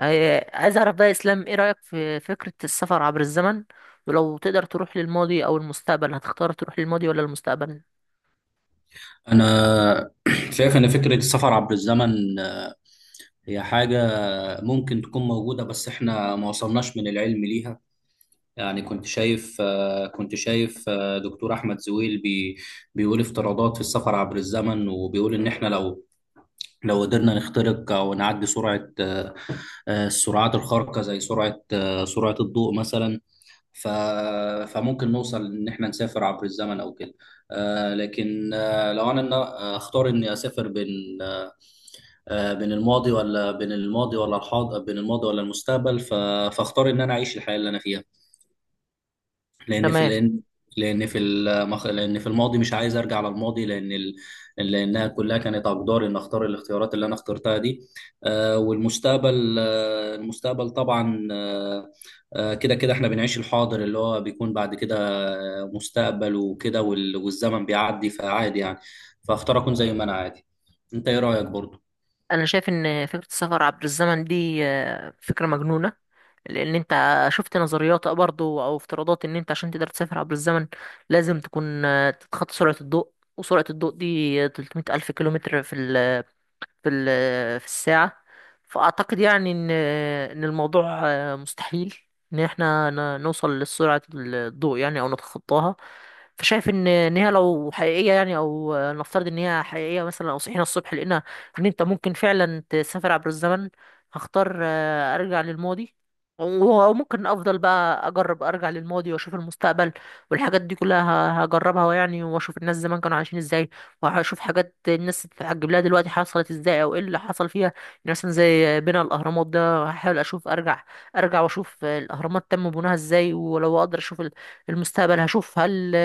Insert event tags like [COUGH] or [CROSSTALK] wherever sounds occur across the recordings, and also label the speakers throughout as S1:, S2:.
S1: عايز اعرف بقى يا اسلام ايه رأيك في فكرة السفر عبر الزمن؟ ولو تقدر تروح للماضي او المستقبل، هتختار تروح للماضي ولا المستقبل؟
S2: أنا [CLEARS THROAT] شايف إن فكرة السفر عبر الزمن هي حاجة ممكن تكون موجودة بس إحنا ما وصلناش من العلم ليها. يعني كنت شايف دكتور أحمد زويل بيقول افتراضات في السفر عبر الزمن، وبيقول إن إحنا لو قدرنا نخترق أو نعدي سرعة السرعات الخارقة زي سرعة سرعة الضوء مثلا. ف فممكن نوصل إن إحنا نسافر عبر الزمن أو كده. لكن لو أنا أختار إني أسافر بين آه، بين الماضي ولا بين الماضي ولا الحاضر بين الماضي ولا المستقبل، فاختار ان انا اعيش الحياه اللي انا فيها. لان في
S1: تمام.
S2: لان لان في الماضي مش عايز ارجع للماضي لانها كلها كانت اقدار ان اختار الاختيارات اللي انا اخترتها دي. آه والمستقبل آه المستقبل طبعا، كده كده احنا بنعيش الحاضر اللي هو بيكون بعد كده مستقبل وكده، والزمن بيعدي فعادي يعني، فاختار اكون زي ما انا عادي. انت ايه رايك برضو؟
S1: انا شايف ان فكرة السفر عبر الزمن دي فكرة مجنونة، لان انت شفت نظريات برضو او افتراضات ان انت عشان تقدر تسافر عبر الزمن لازم تكون تتخطى سرعة الضوء، وسرعة الضوء دي 300 ألف كيلومتر في في الساعة. فأعتقد يعني إن الموضوع مستحيل إن إحنا نوصل لسرعة الضوء يعني أو نتخطاها. فشايف إن هي لو حقيقية يعني، أو نفترض إن هي حقيقية مثلا، أو صحينا الصبح لقينا إن أنت ممكن فعلا تسافر عبر الزمن، هختار أرجع للماضي، و- وممكن أفضل بقى أجرب أرجع للماضي وأشوف المستقبل والحاجات دي كلها. هجربها يعني، وأشوف الناس زمان كانوا عايشين إزاي، وهشوف حاجات الناس تتعجب لها دلوقتي حصلت ازاي او ايه اللي حصل فيها يعني. مثلا زي بناء الاهرامات، ده هحاول اشوف ارجع واشوف الاهرامات تم بناها ازاي. ولو اقدر اشوف المستقبل، هشوف هل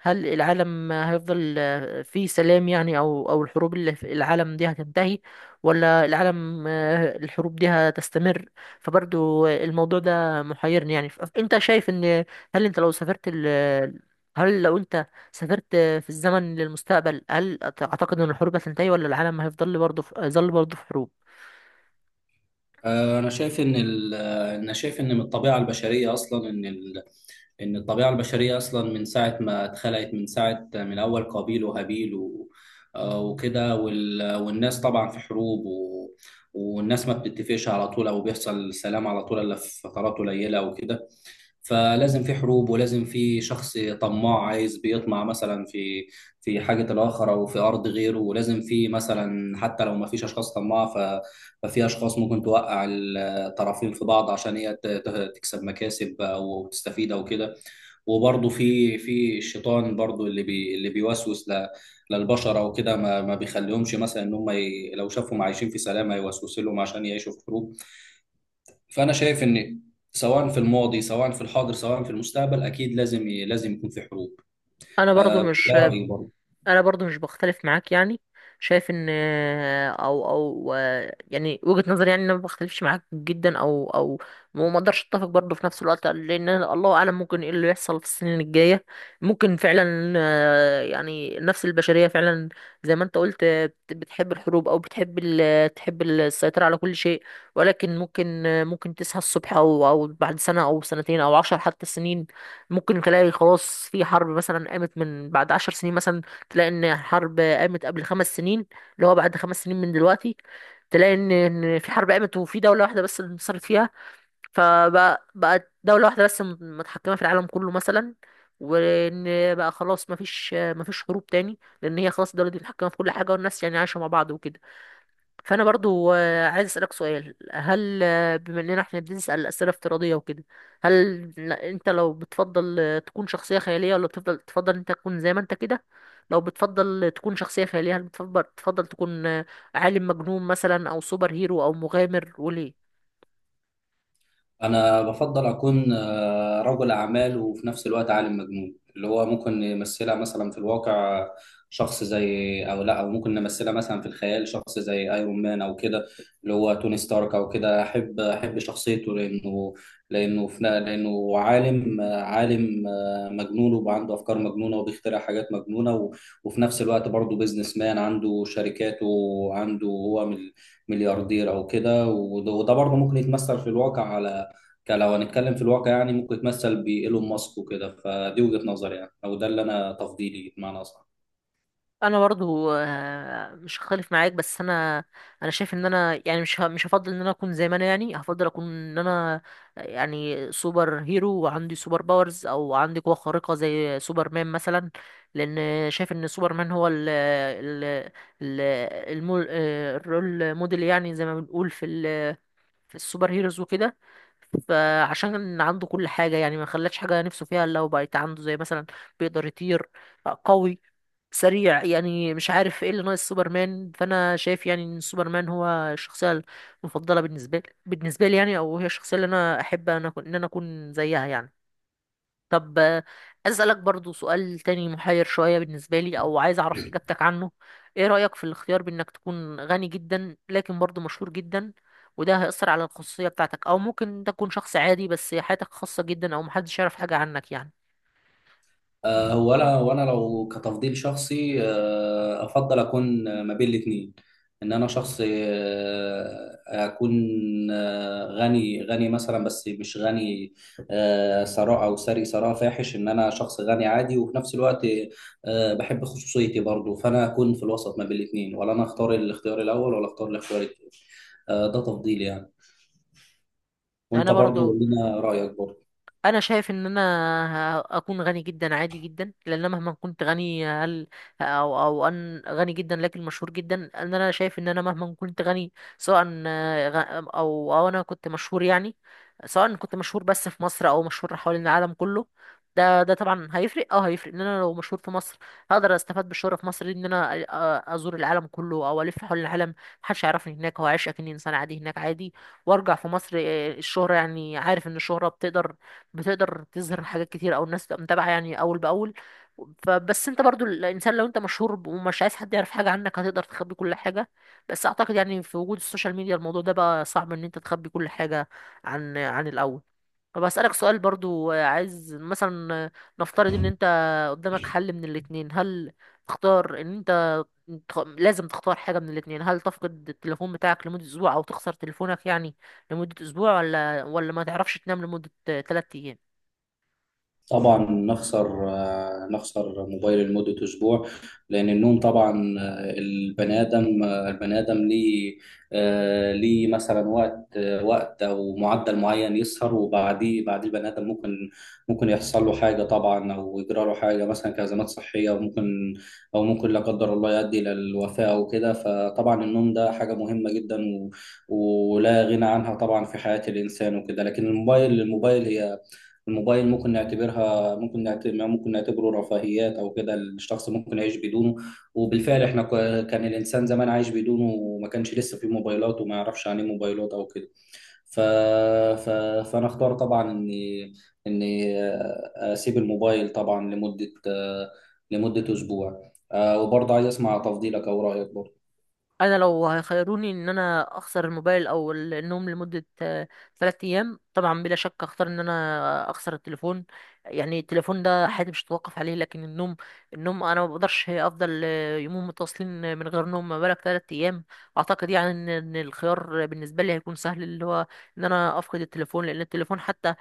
S1: هل العالم هيفضل فيه سلام يعني، او او الحروب اللي في العالم دي هتنتهي، ولا العالم الحروب دي هتستمر. فبرضو الموضوع ده محيرني يعني. انت شايف ان هل انت لو سافرت ال هل لو انت سافرت في الزمن للمستقبل، هل أعتقد إن الحروب هتنتهي ولا العالم هيفضل برضه في هيظل برضه في حروب؟
S2: أنا شايف إن من الطبيعة البشرية أصلا إن الطبيعة البشرية أصلا من ساعة ما اتخلقت، من ساعة من أول قابيل وهابيل والناس طبعا في حروب، والناس ما بتتفقش على طول أو بيحصل سلام على طول إلا في فترات قليلة وكده. فلازم في حروب، ولازم في شخص طماع عايز بيطمع مثلا في في حاجة الآخر أو في أرض غيره. ولازم في مثلا حتى لو ما فيش أشخاص طماعة ففي أشخاص ممكن توقع الطرفين في بعض عشان هي تكسب مكاسب أو تستفيد أو كده. وبرضه في في الشيطان برضه اللي بيوسوس للبشر أو كده. ما بيخليهمش، مثلا إن هم لو شافهم عايشين في سلام هيوسوس لهم عشان يعيشوا في حروب. فانا شايف ان سواء في الماضي سواء في الحاضر سواء في المستقبل اكيد لازم يكون في حروب.
S1: أنا برضه
S2: ده
S1: مش
S2: رايي برضه.
S1: انا برضو مش بختلف معاك يعني. شايف ان او او يعني وجهة نظري يعني ان انا ما بختلفش معاك جدا، او او وما اقدرش اتفق برضو في نفس الوقت، لان الله اعلم ممكن ايه اللي يحصل في السنين الجاية. ممكن فعلا يعني النفس البشرية فعلا زي ما انت قلت بتحب الحروب او بتحب تحب السيطرة على كل شيء. ولكن ممكن ممكن تصحى الصبح او او بعد سنة او سنتين او 10 حتى سنين، ممكن تلاقي خلاص في حرب مثلا قامت من بعد 10 سنين مثلا، تلاقي ان حرب قامت قبل 5 سنين، اللي هو بعد 5 سنين من دلوقتي، تلاقي ان في حرب قامت وفي دولة واحدة بس اللي انتصرت فيها، فبقت دولة واحدة بس متحكمة في العالم كله مثلا، وان بقى خلاص مفيش حروب تاني لان هي خلاص الدولة دي متحكمة في كل حاجة والناس يعني عايشة مع بعض وكده. فانا برضو عايز اسالك سؤال، هل بما اننا احنا بنسال اسئله افتراضيه وكده، هل انت لو بتفضل تكون شخصيه خياليه، ولا بتفضل انت تكون زي ما انت كده؟ لو بتفضل تكون شخصيه خياليه، هل بتفضل تكون عالم مجنون مثلا او سوبر هيرو او مغامر، وليه؟
S2: أنا بفضل أكون رجل أعمال وفي نفس الوقت عالم مجنون، اللي هو ممكن نمثلها مثلا في الواقع شخص زي، أو لا، أو ممكن نمثلها مثلا في الخيال شخص زي أيرون مان أو كده، اللي هو توني ستارك أو كده. أحب شخصيته لأنه لأنه في لأنه عالم عالم مجنون، وبقى عنده أفكار مجنونة وبيخترع حاجات مجنونة، و- وفي نفس الوقت برضه بيزنس مان عنده شركاته، وعنده هو ملياردير أو كده. وده برضه ممكن يتمثل في الواقع، على كان لو هنتكلم في الواقع يعني ممكن يتمثل بإيلون ماسك وكده. فدي وجهة نظري يعني، او ده اللي انا تفضيلي بمعنى اصح.
S1: انا برضو مش هختلف معاك، بس انا انا شايف ان انا يعني مش هفضل ان انا اكون زي ما انا، يعني هفضل اكون ان انا يعني سوبر هيرو وعندي سوبر باورز او عندي قوة خارقة زي سوبرمان مثلا. لان شايف ان سوبرمان هو ال ال ال المو- آه، الرول موديل، يعني زي ما بنقول في في السوبر هيروز وكده. فعشان عنده كل حاجة يعني، ما خلاش حاجة نفسه فيها إلا هو بقت عنده، زي مثلا بيقدر يطير، قوي، سريع يعني، مش عارف ايه اللي ناقص سوبرمان. فانا شايف يعني ان سوبرمان هو الشخصيه المفضله بالنسبه لي، بالنسبه لي يعني. او هي الشخصيه اللي انا احب ان انا اكون زيها يعني. طب عايز اسالك برضو سؤال تاني محير شويه بالنسبه لي، او عايز اعرف اجابتك عنه. ايه رايك في الاختيار بانك تكون غني جدا لكن برضو مشهور جدا، وده هيأثر على الخصوصيه بتاعتك، او ممكن تكون شخص عادي بس حياتك خاصه جدا او محدش يعرف حاجه عنك يعني؟
S2: هو انا لو كتفضيل شخصي، افضل اكون ما بين الاثنين. ان انا شخص اكون غني مثلا، بس مش غني ثراء، او ثري ثراء فاحش. ان انا شخص غني عادي وفي نفس الوقت بحب خصوصيتي برضو، فانا اكون في الوسط ما بين الاثنين، ولا انا اختار الاختيار الاول، ولا اختار الاختيار الثاني. ده تفضيلي يعني. وانت
S1: انا
S2: برضو
S1: برضو
S2: قول لنا رايك برضو.
S1: انا شايف ان انا اكون غني جدا عادي جدا. لان أنا مهما كنت غني، هل او او ان غني جدا لكن مشهور جدا، ان انا شايف ان انا مهما كنت غني سواء او او انا كنت مشهور يعني، سواء كنت مشهور بس في مصر او مشهور حوالين العالم كله، ده طبعا هيفرق. اه هيفرق ان انا لو مشهور في مصر هقدر استفاد بالشهرة في مصر دي، ان انا ازور العالم كله او الف حول العالم، محدش يعرفني هناك، هو عايش اكني انسان عادي هناك عادي، وارجع في مصر. الشهرة يعني، عارف ان الشهرة بتقدر تظهر حاجات كتير او الناس تبقى متابعه يعني اول باول. فبس انت برضو الانسان لو انت مشهور ومش عايز حد يعرف حاجه عنك، هتقدر تخبي كل حاجه، بس اعتقد يعني في وجود السوشيال ميديا الموضوع ده بقى صعب ان انت تخبي كل حاجه عن الاول. طب اسالك سؤال برضو، عايز مثلا نفترض ان انت قدامك حل من الاتنين، هل تختار ان انت لازم تختار حاجه من الاتنين، هل تفقد التليفون بتاعك لمده اسبوع او تخسر تليفونك يعني لمده اسبوع، ولا ما تعرفش تنام لمده 3 ايام؟
S2: طبعا نخسر موبايل لمدة أسبوع، لأن النوم طبعا، البني آدم ليه ليه مثلا وقت، وقت أو معدل معين يسهر، بعديه البني آدم ممكن، ممكن يحصل له حاجة طبعا، أو يجرى له حاجة مثلا كأزمات صحية، وممكن أو ممكن لا قدر الله يؤدي إلى الوفاة أو كده. فطبعا النوم ده حاجة مهمة جدا ولا غنى عنها طبعا في حياة الإنسان وكده. لكن الموبايل ممكن نعتبرها، ممكن نعتبر، ممكن نعتبره رفاهيات او كده، الشخص ممكن يعيش بدونه. وبالفعل احنا كان الانسان زمان عايش بدونه، وما كانش لسه في موبايلات وما يعرفش عن ايه موبايلات او كده. ف... ف... فانا اختار طبعا اني اسيب الموبايل طبعا لمدة، لمدة اسبوع. وبرضه عايز اسمع تفضيلك او رايك برضه.
S1: انا لو هيخيروني ان انا اخسر الموبايل او النوم لمده ثلاثة ايام، طبعا بلا شك اختار ان انا اخسر التليفون. يعني التليفون ده حياتي مش هتوقف عليه، لكن النوم النوم انا ما بقدرش افضل يومين متواصلين من غير نوم، ما بالك ثلاثة ايام. اعتقد يعني ان الخيار بالنسبه لي هيكون سهل، اللي هو ان انا افقد التليفون، لان التليفون حتى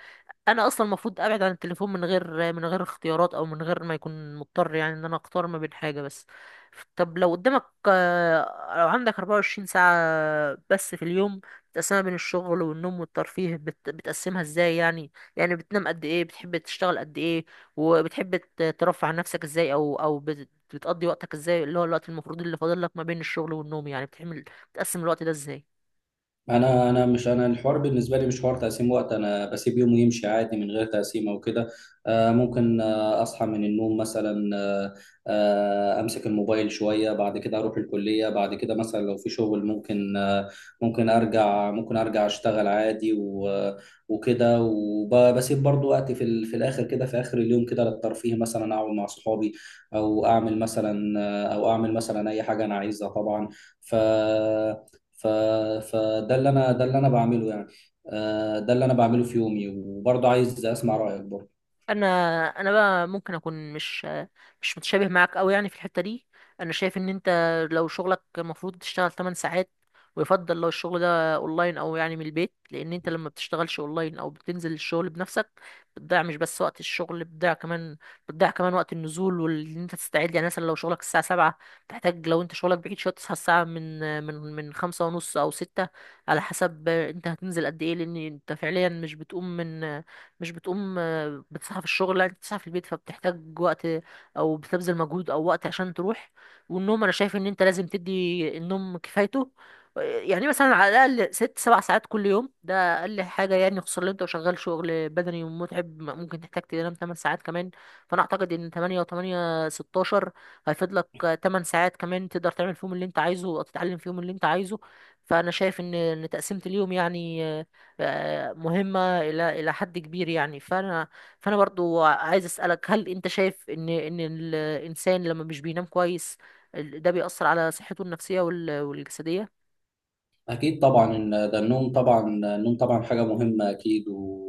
S1: انا اصلا المفروض ابعد عن التليفون من غير اختيارات او من غير ما يكون مضطر يعني ان انا اختار ما بين حاجه بس. طب لو قدامك آه، لو عندك 24 ساعة بس في اليوم تقسمها بين الشغل والنوم والترفيه، بتقسمها ازاي يعني؟ يعني بتنام قد ايه، بتحب تشتغل قد ايه، وبتحب ترفع عن نفسك ازاي؟ او او بتقضي وقتك ازاي، اللي هو الوقت المفروض اللي فاضل لك ما بين الشغل والنوم؟ يعني بتقسم الوقت ده ازاي؟
S2: انا الحوار بالنسبه لي مش حوار تقسيم وقت، انا بسيب يوم يمشي عادي من غير تقسيم او كده. آه، ممكن آه، اصحى من النوم مثلا، امسك الموبايل شويه، بعد كده اروح الكليه، بعد كده مثلا لو في شغل ممكن ارجع اشتغل عادي وكده، وبسيب برضو وقت في في الاخر كده، في اخر اليوم كده للترفيه، مثلا اقعد مع صحابي، او اعمل مثلا، او اعمل مثلا اي حاجه انا عايزها طبعا. ف ف... فده اللي انا ده اللي انا بعمله يعني. ده اللي انا بعمله في يومي. وبرضه عايز اسمع رايك برضه.
S1: انا انا بقى ممكن اكون مش متشابه معاك قوي يعني في الحته دي. انا شايف ان انت لو شغلك المفروض تشتغل 8 ساعات، ويفضل لو الشغل ده اونلاين او يعني من البيت، لان انت لما بتشتغلش اونلاين او بتنزل الشغل بنفسك، بتضيع مش بس وقت الشغل، بتضيع كمان بتضيع كمان وقت النزول وان انت تستعد. يعني مثلا لو شغلك الساعه 7، تحتاج لو انت شغلك بعيد شويه تصحى الساعه من 5 ونص او 6 على حسب انت هتنزل قد ايه. لان انت فعليا مش بتقوم من مش بتقوم بتسعى في الشغل، لا انت بتسعى في البيت، فبتحتاج وقت او بتبذل مجهود او وقت عشان تروح. والنوم انا شايف ان انت لازم تدي النوم كفايته، يعني مثلا على الاقل ست سبع ساعات كل يوم، ده اقل حاجه يعني. خصوصا لو انت شغال شغل بدني ومتعب ممكن تحتاج تنام 8 ساعات كمان. فانا اعتقد ان 8 و8 16 هيفيد لك. 8 ساعات كمان تقدر تعمل فيهم اللي انت عايزه او تتعلم فيهم اللي انت عايزه. فانا شايف ان ان تقسيمة اليوم يعني مهمة الى حد كبير يعني. فانا فانا برضو عايز اسالك، هل انت شايف ان ان الانسان لما مش بينام كويس، ده بيأثر على صحته النفسية والجسدية؟
S2: أكيد طبعا، إن ده النوم طبعا، النوم طبعا حاجة مهمة أكيد.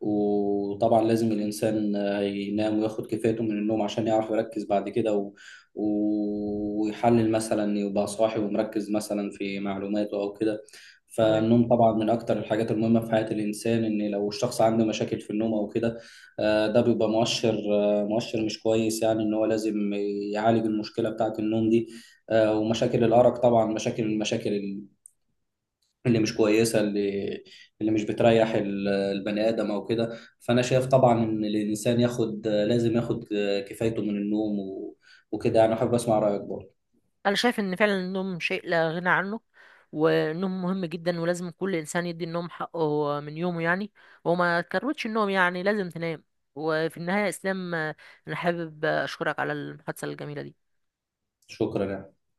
S2: وطبعا لازم الإنسان ينام وياخد كفايته من النوم عشان يعرف يركز بعد كده، ويحلل، مثلا يبقى صاحي ومركز مثلا في معلوماته أو كده.
S1: تمام.
S2: فالنوم طبعا من أكتر الحاجات المهمة في حياة الإنسان، إن لو الشخص عنده مشاكل في النوم أو كده ده بيبقى مؤشر، مؤشر مش كويس يعني، إن هو لازم يعالج المشكلة بتاعة النوم دي. ومشاكل الأرق طبعا، مشاكل مشاكل اللي مش كويسه، اللي مش بتريح البني ادم او كده. فانا شايف طبعا ان الانسان لازم ياخد كفايته من النوم، و- وكده يعني. احب اسمع رايك برضه.
S1: انا شايف ان فعلا النوم شيء لا غنى عنه، والنوم مهم جدا، ولازم كل انسان يدي النوم حقه من يومه يعني، وما تكروتش النوم يعني، لازم تنام. وفي النهاية يا اسلام، انا حابب اشكرك على المحادثة الجميلة دي.
S2: شكرا يعني.